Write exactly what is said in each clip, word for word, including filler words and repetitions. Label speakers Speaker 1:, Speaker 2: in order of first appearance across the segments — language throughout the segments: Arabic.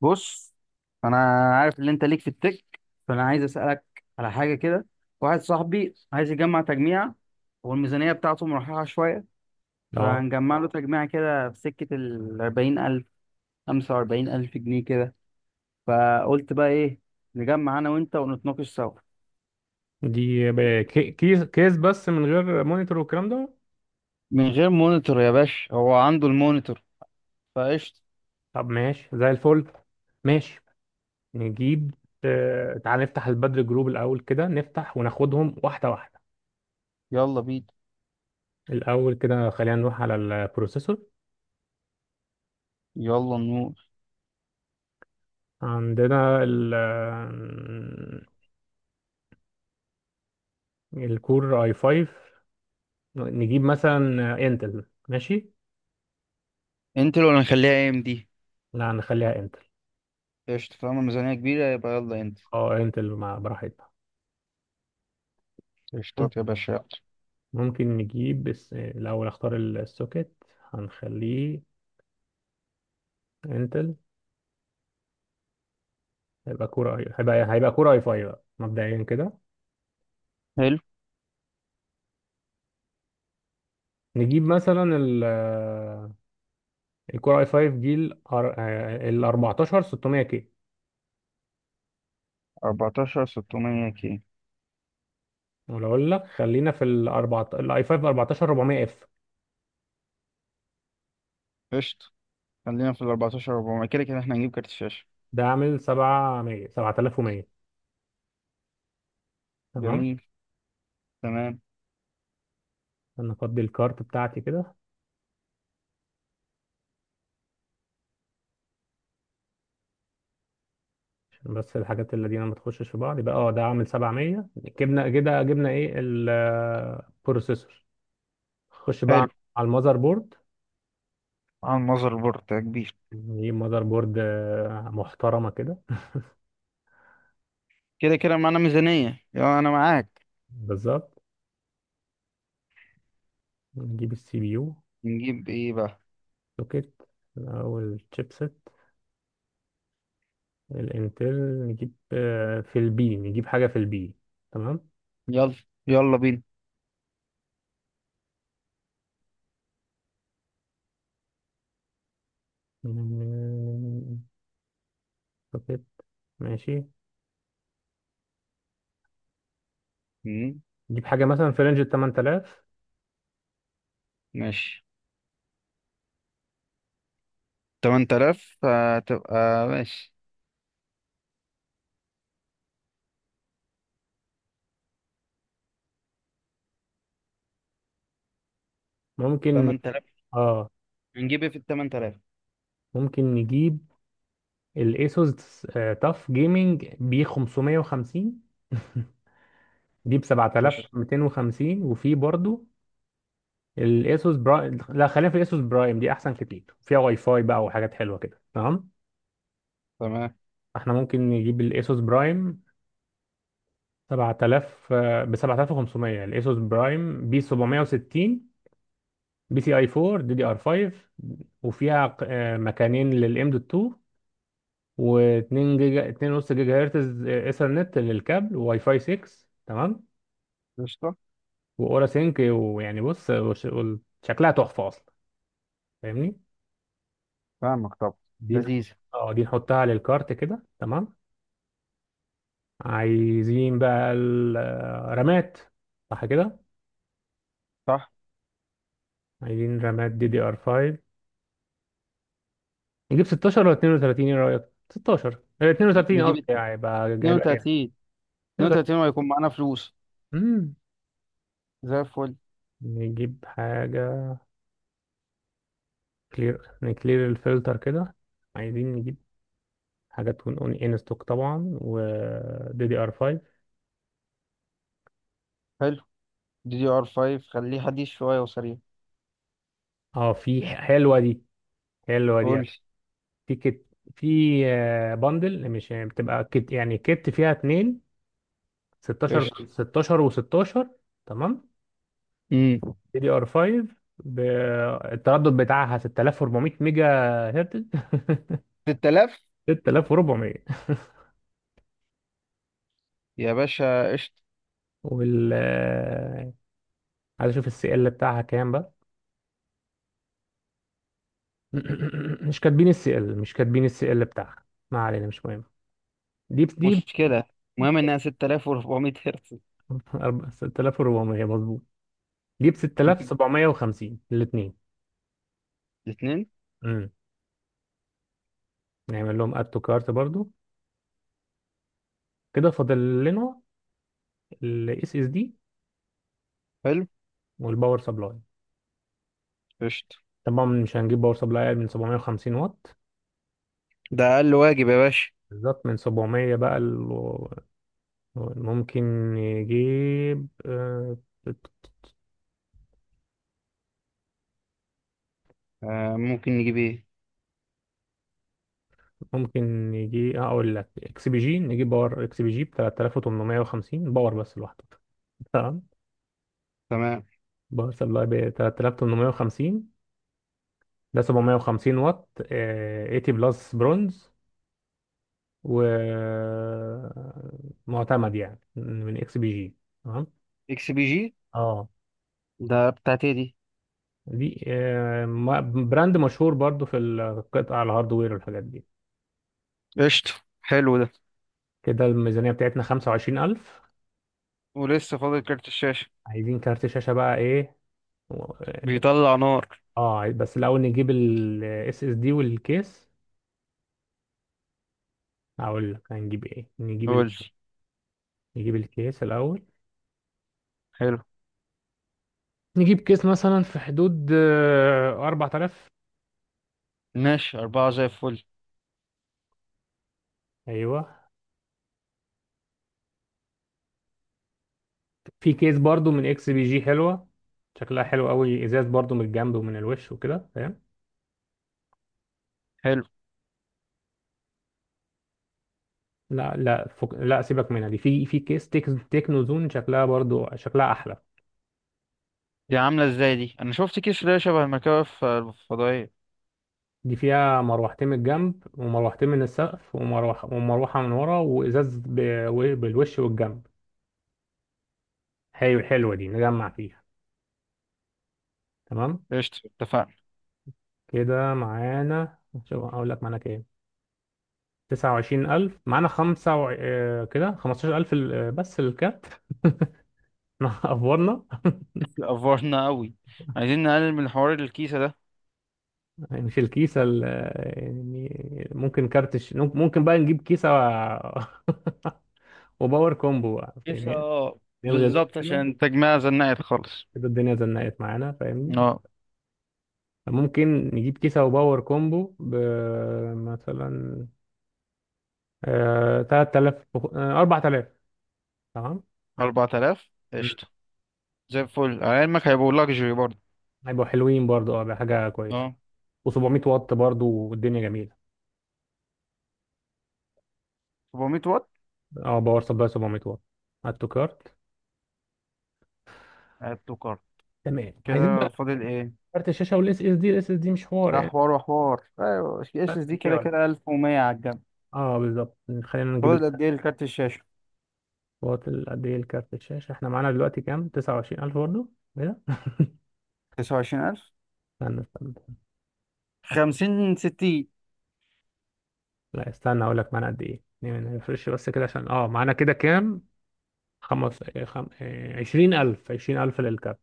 Speaker 1: بص، انا عارف ان انت ليك في التك، فانا عايز اسالك على حاجه كده. واحد صاحبي عايز يجمع تجميع والميزانيه بتاعته مرحله شويه،
Speaker 2: اه،
Speaker 1: فهنجمع له اه تجميع كده في سكه ال أربعين ألف خمسة وأربعين ألف جنيه كده. فقلت بقى ايه، نجمع انا وانت ونتناقش سوا.
Speaker 2: دي ب- كي- كيس كيس بس من غير مونيتور والكلام ده.
Speaker 1: من غير مونيتور يا باشا، هو عنده المونيتور فقشطه.
Speaker 2: طب ماشي زي الفل. ماشي. نجيب. آه، تعال نفتح البدر جروب الاول كده، نفتح وناخدهم واحده واحده.
Speaker 1: يلا بينا.
Speaker 2: الاول كده خلينا نروح على البروسيسور.
Speaker 1: يلا نور.
Speaker 2: عندنا ال الكور اي 5. نجيب مثلا انتل. ماشي.
Speaker 1: انت لو هنخليها ام دي،
Speaker 2: لا نخليها انتل.
Speaker 1: قشطه. طالما الميزانيه كبيره يبقى يلا انت.
Speaker 2: اه انتل مع براحتنا. مم-
Speaker 1: قشطات يا باشا، يلا.
Speaker 2: ممكن نجيب بس الاول اختار السوكت. هنخليه انتل. هيبقى كورة أي- هيبقى هيبقى كورة اي 5 بقى مبدئيا كده.
Speaker 1: حلو.
Speaker 2: نجيب مثلا ال الكورة اي 5 دي ال أر- آه، ال أربعتاشر ستمية كي.
Speaker 1: أربعتاشر ستمية كي.
Speaker 2: ولا اقول لك خلينا في ال أربعة الاي اي فايف أربعتاشر أربعمية اف.
Speaker 1: قشطة. خلينا في الأربعتاشر أربعمية، كده كده احنا هنجيب كارت شاشة.
Speaker 2: ده عامل سبعمية سبعة ألاف ومية. تمام.
Speaker 1: جميل. تمام.
Speaker 2: انا افضي الكارت بتاعتي كده عشان بس الحاجات اللي دي ما تخشش في بعض. يبقى اه ده عامل سبعمية. جبنا كده، جبنا ايه؟ البروسيسور. خش
Speaker 1: حلو.
Speaker 2: بقى على المذر بورد.
Speaker 1: على المذر بورد ده كبير.
Speaker 2: نجيب مذر بورد آه، محترمة كده.
Speaker 1: كده كده معانا ميزانية، يلا أنا معاك.
Speaker 2: بالظبط. نجيب السي بي يو.
Speaker 1: نجيب إيه بقى؟
Speaker 2: سوكت. الأول تشيبسيت الانتل. نجيب آه، في البي، نجيب حاجة في البي. تمام.
Speaker 1: يلا، يلا بينا.
Speaker 2: سوكت. ماشي.
Speaker 1: مم،
Speaker 2: نجيب حاجة مثلا في رينج ال تمانية ألاف.
Speaker 1: ماشي. تمن تلاف هتبقى ماشي.
Speaker 2: ممكن ن-
Speaker 1: تمن تلاف.
Speaker 2: اه،
Speaker 1: هنجيب إيه في التمن تلاف؟
Speaker 2: ممكن نجيب الايسوس تاف جيمنج بي خمسمية وخمسين. دي ب
Speaker 1: قشطة.
Speaker 2: سبعة ألاف ومتين وخمسين، وفي برضو الايسوس برايم. لا خلينا في الايسوس برايم، دي احسن كتير، فيها واي فاي بقى وحاجات حلوة كده. تمام.
Speaker 1: تمام.
Speaker 2: احنا ممكن نجيب الاسوس برايم سبعة ألاف آه، ب سبعة ألاف وخمسمية، الاسوس برايم بي سبعمية وستين بي سي اي فور دي دي ار فايف، وفيها ق- آه، مكانين للام دوت اتنين، و2 جيجا اتنين ونص جيجا هرتز آه، ايثرنت للكابل، وواي فاي سيكس. تمام.
Speaker 1: قشطة.
Speaker 2: واورا سينك. ويعني بص وش- وال- شكلها تحفه اصلا، فاهمني؟
Speaker 1: فاهمك طبعا.
Speaker 2: دي نح-
Speaker 1: لذيذة.
Speaker 2: اه دي نحطها للكارت كده. تمام. عايزين بقى الرامات، صح كده؟
Speaker 1: صح.
Speaker 2: عايزين رامات دي دي ار خمسة. نجيب ستاشر ولا اتنين وتلاتين؟ ايه رأيك؟ ستاشر آه، اتنين وتلاتين
Speaker 1: نجيب
Speaker 2: قصدي. يعني هيبقى هيبقى
Speaker 1: اتنين
Speaker 2: جامد.
Speaker 1: وتلاتين اتنين
Speaker 2: اتنين وتلاتين.
Speaker 1: وتلاتين وهيكون معانا فلوس
Speaker 2: امم
Speaker 1: زي الفل.
Speaker 2: نجيب حاجة كلير، نكلير الفلتر كده. عايزين نجيب حاجة تكون اون ان ستوك طبعا، و دي دي ار فايف.
Speaker 1: حلو. دي دي ار خمسة خليه حديث شوية وسريع.
Speaker 2: اه في حلوة دي، حلوة دي.
Speaker 1: قول لي.
Speaker 2: في كت، في آه، بندل، مش يعني، بتبقى كت يعني. كت فيها اتنين ستاشر،
Speaker 1: قشطة.
Speaker 2: ستاشر و16. تمام.
Speaker 1: امم
Speaker 2: دي دي ار خمسة، التردد بتاعها ستة ألاف وأربعمية ميجا هرتز.
Speaker 1: ستة آلاف
Speaker 2: ستة ألاف وأربعمية.
Speaker 1: يا باشا، قشطة.
Speaker 2: وال آه، عايز اشوف السي ال بتاعها كام بقى. مش كاتبين السي ال، مش كاتبين السي ال بتاعها. ما علينا، مش مهم. دي ب- دي ب-
Speaker 1: مشكلة.
Speaker 2: دي
Speaker 1: المهم انها ستة آلاف وأربعمية هرتز.
Speaker 2: ب- أربعة- ستة ألاف وأربعمية مظبوط. دي ب ستة ألاف وسبعمية وخمسين الاثنين.
Speaker 1: الاثنين.
Speaker 2: امم نعمل لهم اد تو كارت برضو. كده فاضل لنا الاس اس دي
Speaker 1: حلو.
Speaker 2: والباور سبلاي.
Speaker 1: قشطة.
Speaker 2: طبعا مش هنجيب باور سبلاي أقل من سبعمية وخمسين واط.
Speaker 1: ده اقل واجب يا باشا.
Speaker 2: بالظبط. من سبعمية بقى ال- ممكن نجيب آه،
Speaker 1: آه، ممكن نجيب ايه؟
Speaker 2: ممكن يجي اقول لك اكس بي جي، نجيب باور اكس بي جي ب تلاتة ألاف وتمنمية وخمسين، باور بس لوحده. تمام.
Speaker 1: تمام.
Speaker 2: باور سبلاي ب تلاتة ألاف وتمنمية وخمسين، ده سبعمية وخمسين واط آه، تمانين بلس برونز، ومعتمد يعني من اكس بي جي. تمام.
Speaker 1: اكس بي جي.
Speaker 2: اه
Speaker 1: ده بتاعتي دي.
Speaker 2: دي آه، ما- براند مشهور برضو في القطع الهاردوير والحاجات دي.
Speaker 1: قشطة. حلو ده.
Speaker 2: كده الميزانية بتاعتنا خمسة وعشرين ألف.
Speaker 1: ولسه فاضل كارت الشاشة.
Speaker 2: عايزين كارت شاشة بقى، ايه؟
Speaker 1: بيطلع نار.
Speaker 2: اه بس الاول نجيب الاس اس دي والكيس. هقول لك هنجيب ايه، نجيب ال...
Speaker 1: قول لي.
Speaker 2: نجيب الكيس الاول.
Speaker 1: حلو.
Speaker 2: نجيب كيس مثلا في حدود آه، أربعة ألاف.
Speaker 1: ماشي، أربعة زي الفل.
Speaker 2: ايوه، في كيس برضو من اكس بي جي حلوه، شكلها حلو قوي، ازاز برضو من الجنب ومن الوش وكده، فاهم؟
Speaker 1: حلو.
Speaker 2: لا لا فك... لا، سيبك منها دي. في في كيس تك... تكنو زون شكلها برضو، شكلها احلى.
Speaker 1: دي عاملة ازاي دي؟ أنا شفت كيس اللي هي شبه المكوف الفضائية.
Speaker 2: دي فيها مروحتين من الجنب، ومروحتين من السقف، ومروحه ومروحه من ورا، وازاز ب... و- بالوش والجنب. حلو، حلوه دي، نجمع فيها. تمام.
Speaker 1: قشطة اتفقنا.
Speaker 2: كده معانا. شوف اقول لك معانا كام. تسعة وعشرين ألف معانا. خمسة وع... آه، كده خمستاشر ألف ال- آه، بس الكارت. احنا افورنا.
Speaker 1: أفورنا أوي. عايزين نقلل من حوار الكيسة ده.
Speaker 2: مش الكيسة ال- آه، يعني ممكن كارت الش... ممكن بقى نجيب كيسة و... وباور كومبو بقى،
Speaker 1: كيسة،
Speaker 2: فاهمني؟
Speaker 1: اه.
Speaker 2: نلغي دول
Speaker 1: بالظبط،
Speaker 2: كده.
Speaker 1: عشان تجميع زنقت خالص.
Speaker 2: كده الدنيا زنقت معانا، فاهمني؟
Speaker 1: اه،
Speaker 2: ممكن نجيب كيسة وباور كومبو ب، مثلا آه، تلت ألاف وخ- آه، أربعة ألاف. تمام.
Speaker 1: أربعة آلاف
Speaker 2: مم.
Speaker 1: قشطة. زي الفل، على علمك هيبقوا لاكجري برضه.
Speaker 2: هيبقوا حلوين برضو، اه حاجة كويسة.
Speaker 1: اه،
Speaker 2: و700 واط برضو، والدنيا جميله.
Speaker 1: أربعمية واط.
Speaker 2: اه باور سبلاي سبعمية واط على التوكارت.
Speaker 1: عدتوا كارت.
Speaker 2: تمام. عايزين
Speaker 1: كده
Speaker 2: بقى
Speaker 1: فاضل ايه؟
Speaker 2: كارت الشاشه والاس اس دي. الاس اس دي مش حوار
Speaker 1: ده
Speaker 2: يعني.
Speaker 1: حوار وحوار، ايوه اس
Speaker 2: ثلاث
Speaker 1: اس دي
Speaker 2: جنيه
Speaker 1: كده
Speaker 2: ولا.
Speaker 1: كده ألف ومية على الجنب.
Speaker 2: اه بالظبط. خلينا نجيب
Speaker 1: فاضل قد ايه لكارت الشاشة؟
Speaker 2: الواط ال- قد ايه الكارت الشاشه؟ احنا معانا دلوقتي كام؟ تسعة وعشرين ألف برضه كده.
Speaker 1: تسعة وعشرين ألف.
Speaker 2: استنى استنى.
Speaker 1: خمسين ستين.
Speaker 2: لا استنى اقول لك معانا قد ايه، يعني ما نفرش بس كده، عشان اه معانا كده كام. خمس إيه، خم... إيه، عشرين ألف عشرين ألف للكارت.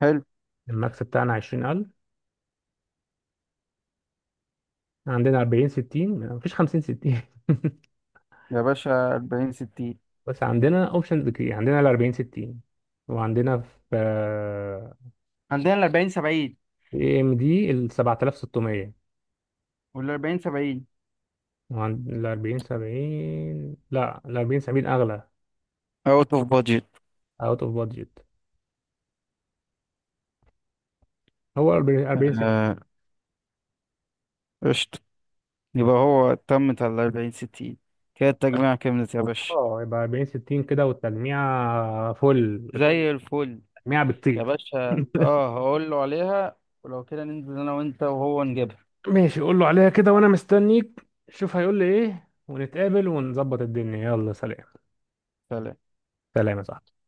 Speaker 1: حلو.
Speaker 2: الماكس بتاعنا عشرين ألف. عندنا أربعين ستين، مفيش خمسين ستين.
Speaker 1: يا باشا، أربعين ستين.
Speaker 2: بس عندنا اوبشنز كتير، عندنا ال أربعين ستين، وعندنا في
Speaker 1: عندنا ال أربعين سبعين.
Speaker 2: اي ام دي ال سبعة ستمية،
Speaker 1: وال أربعين سبعين
Speaker 2: وعند ال أربعين سبعين. لا ال أربعين سبعين اغلى،
Speaker 1: اوت اوف بادجت.
Speaker 2: اوت اوف بادجت. هو أربعين أربعين ستين.
Speaker 1: قشطة. يبقى هو تمت على أربعين ستين. كده التجميع كملت يا باشا.
Speaker 2: اه يبقى أربعين ستين كده، والتلميع فل.
Speaker 1: زي الفل.
Speaker 2: التلميع
Speaker 1: يا
Speaker 2: بتطير.
Speaker 1: باشا، اه، هقول له عليها. ولو كده ننزل انا وانت وهو نجيبها.
Speaker 2: ماشي قول له عليها كده، وانا مستنيك. شوف هيقول لي ايه ونتقابل ونظبط الدنيا. يلا سلام.
Speaker 1: سلام.
Speaker 2: سلام يا صاحبي.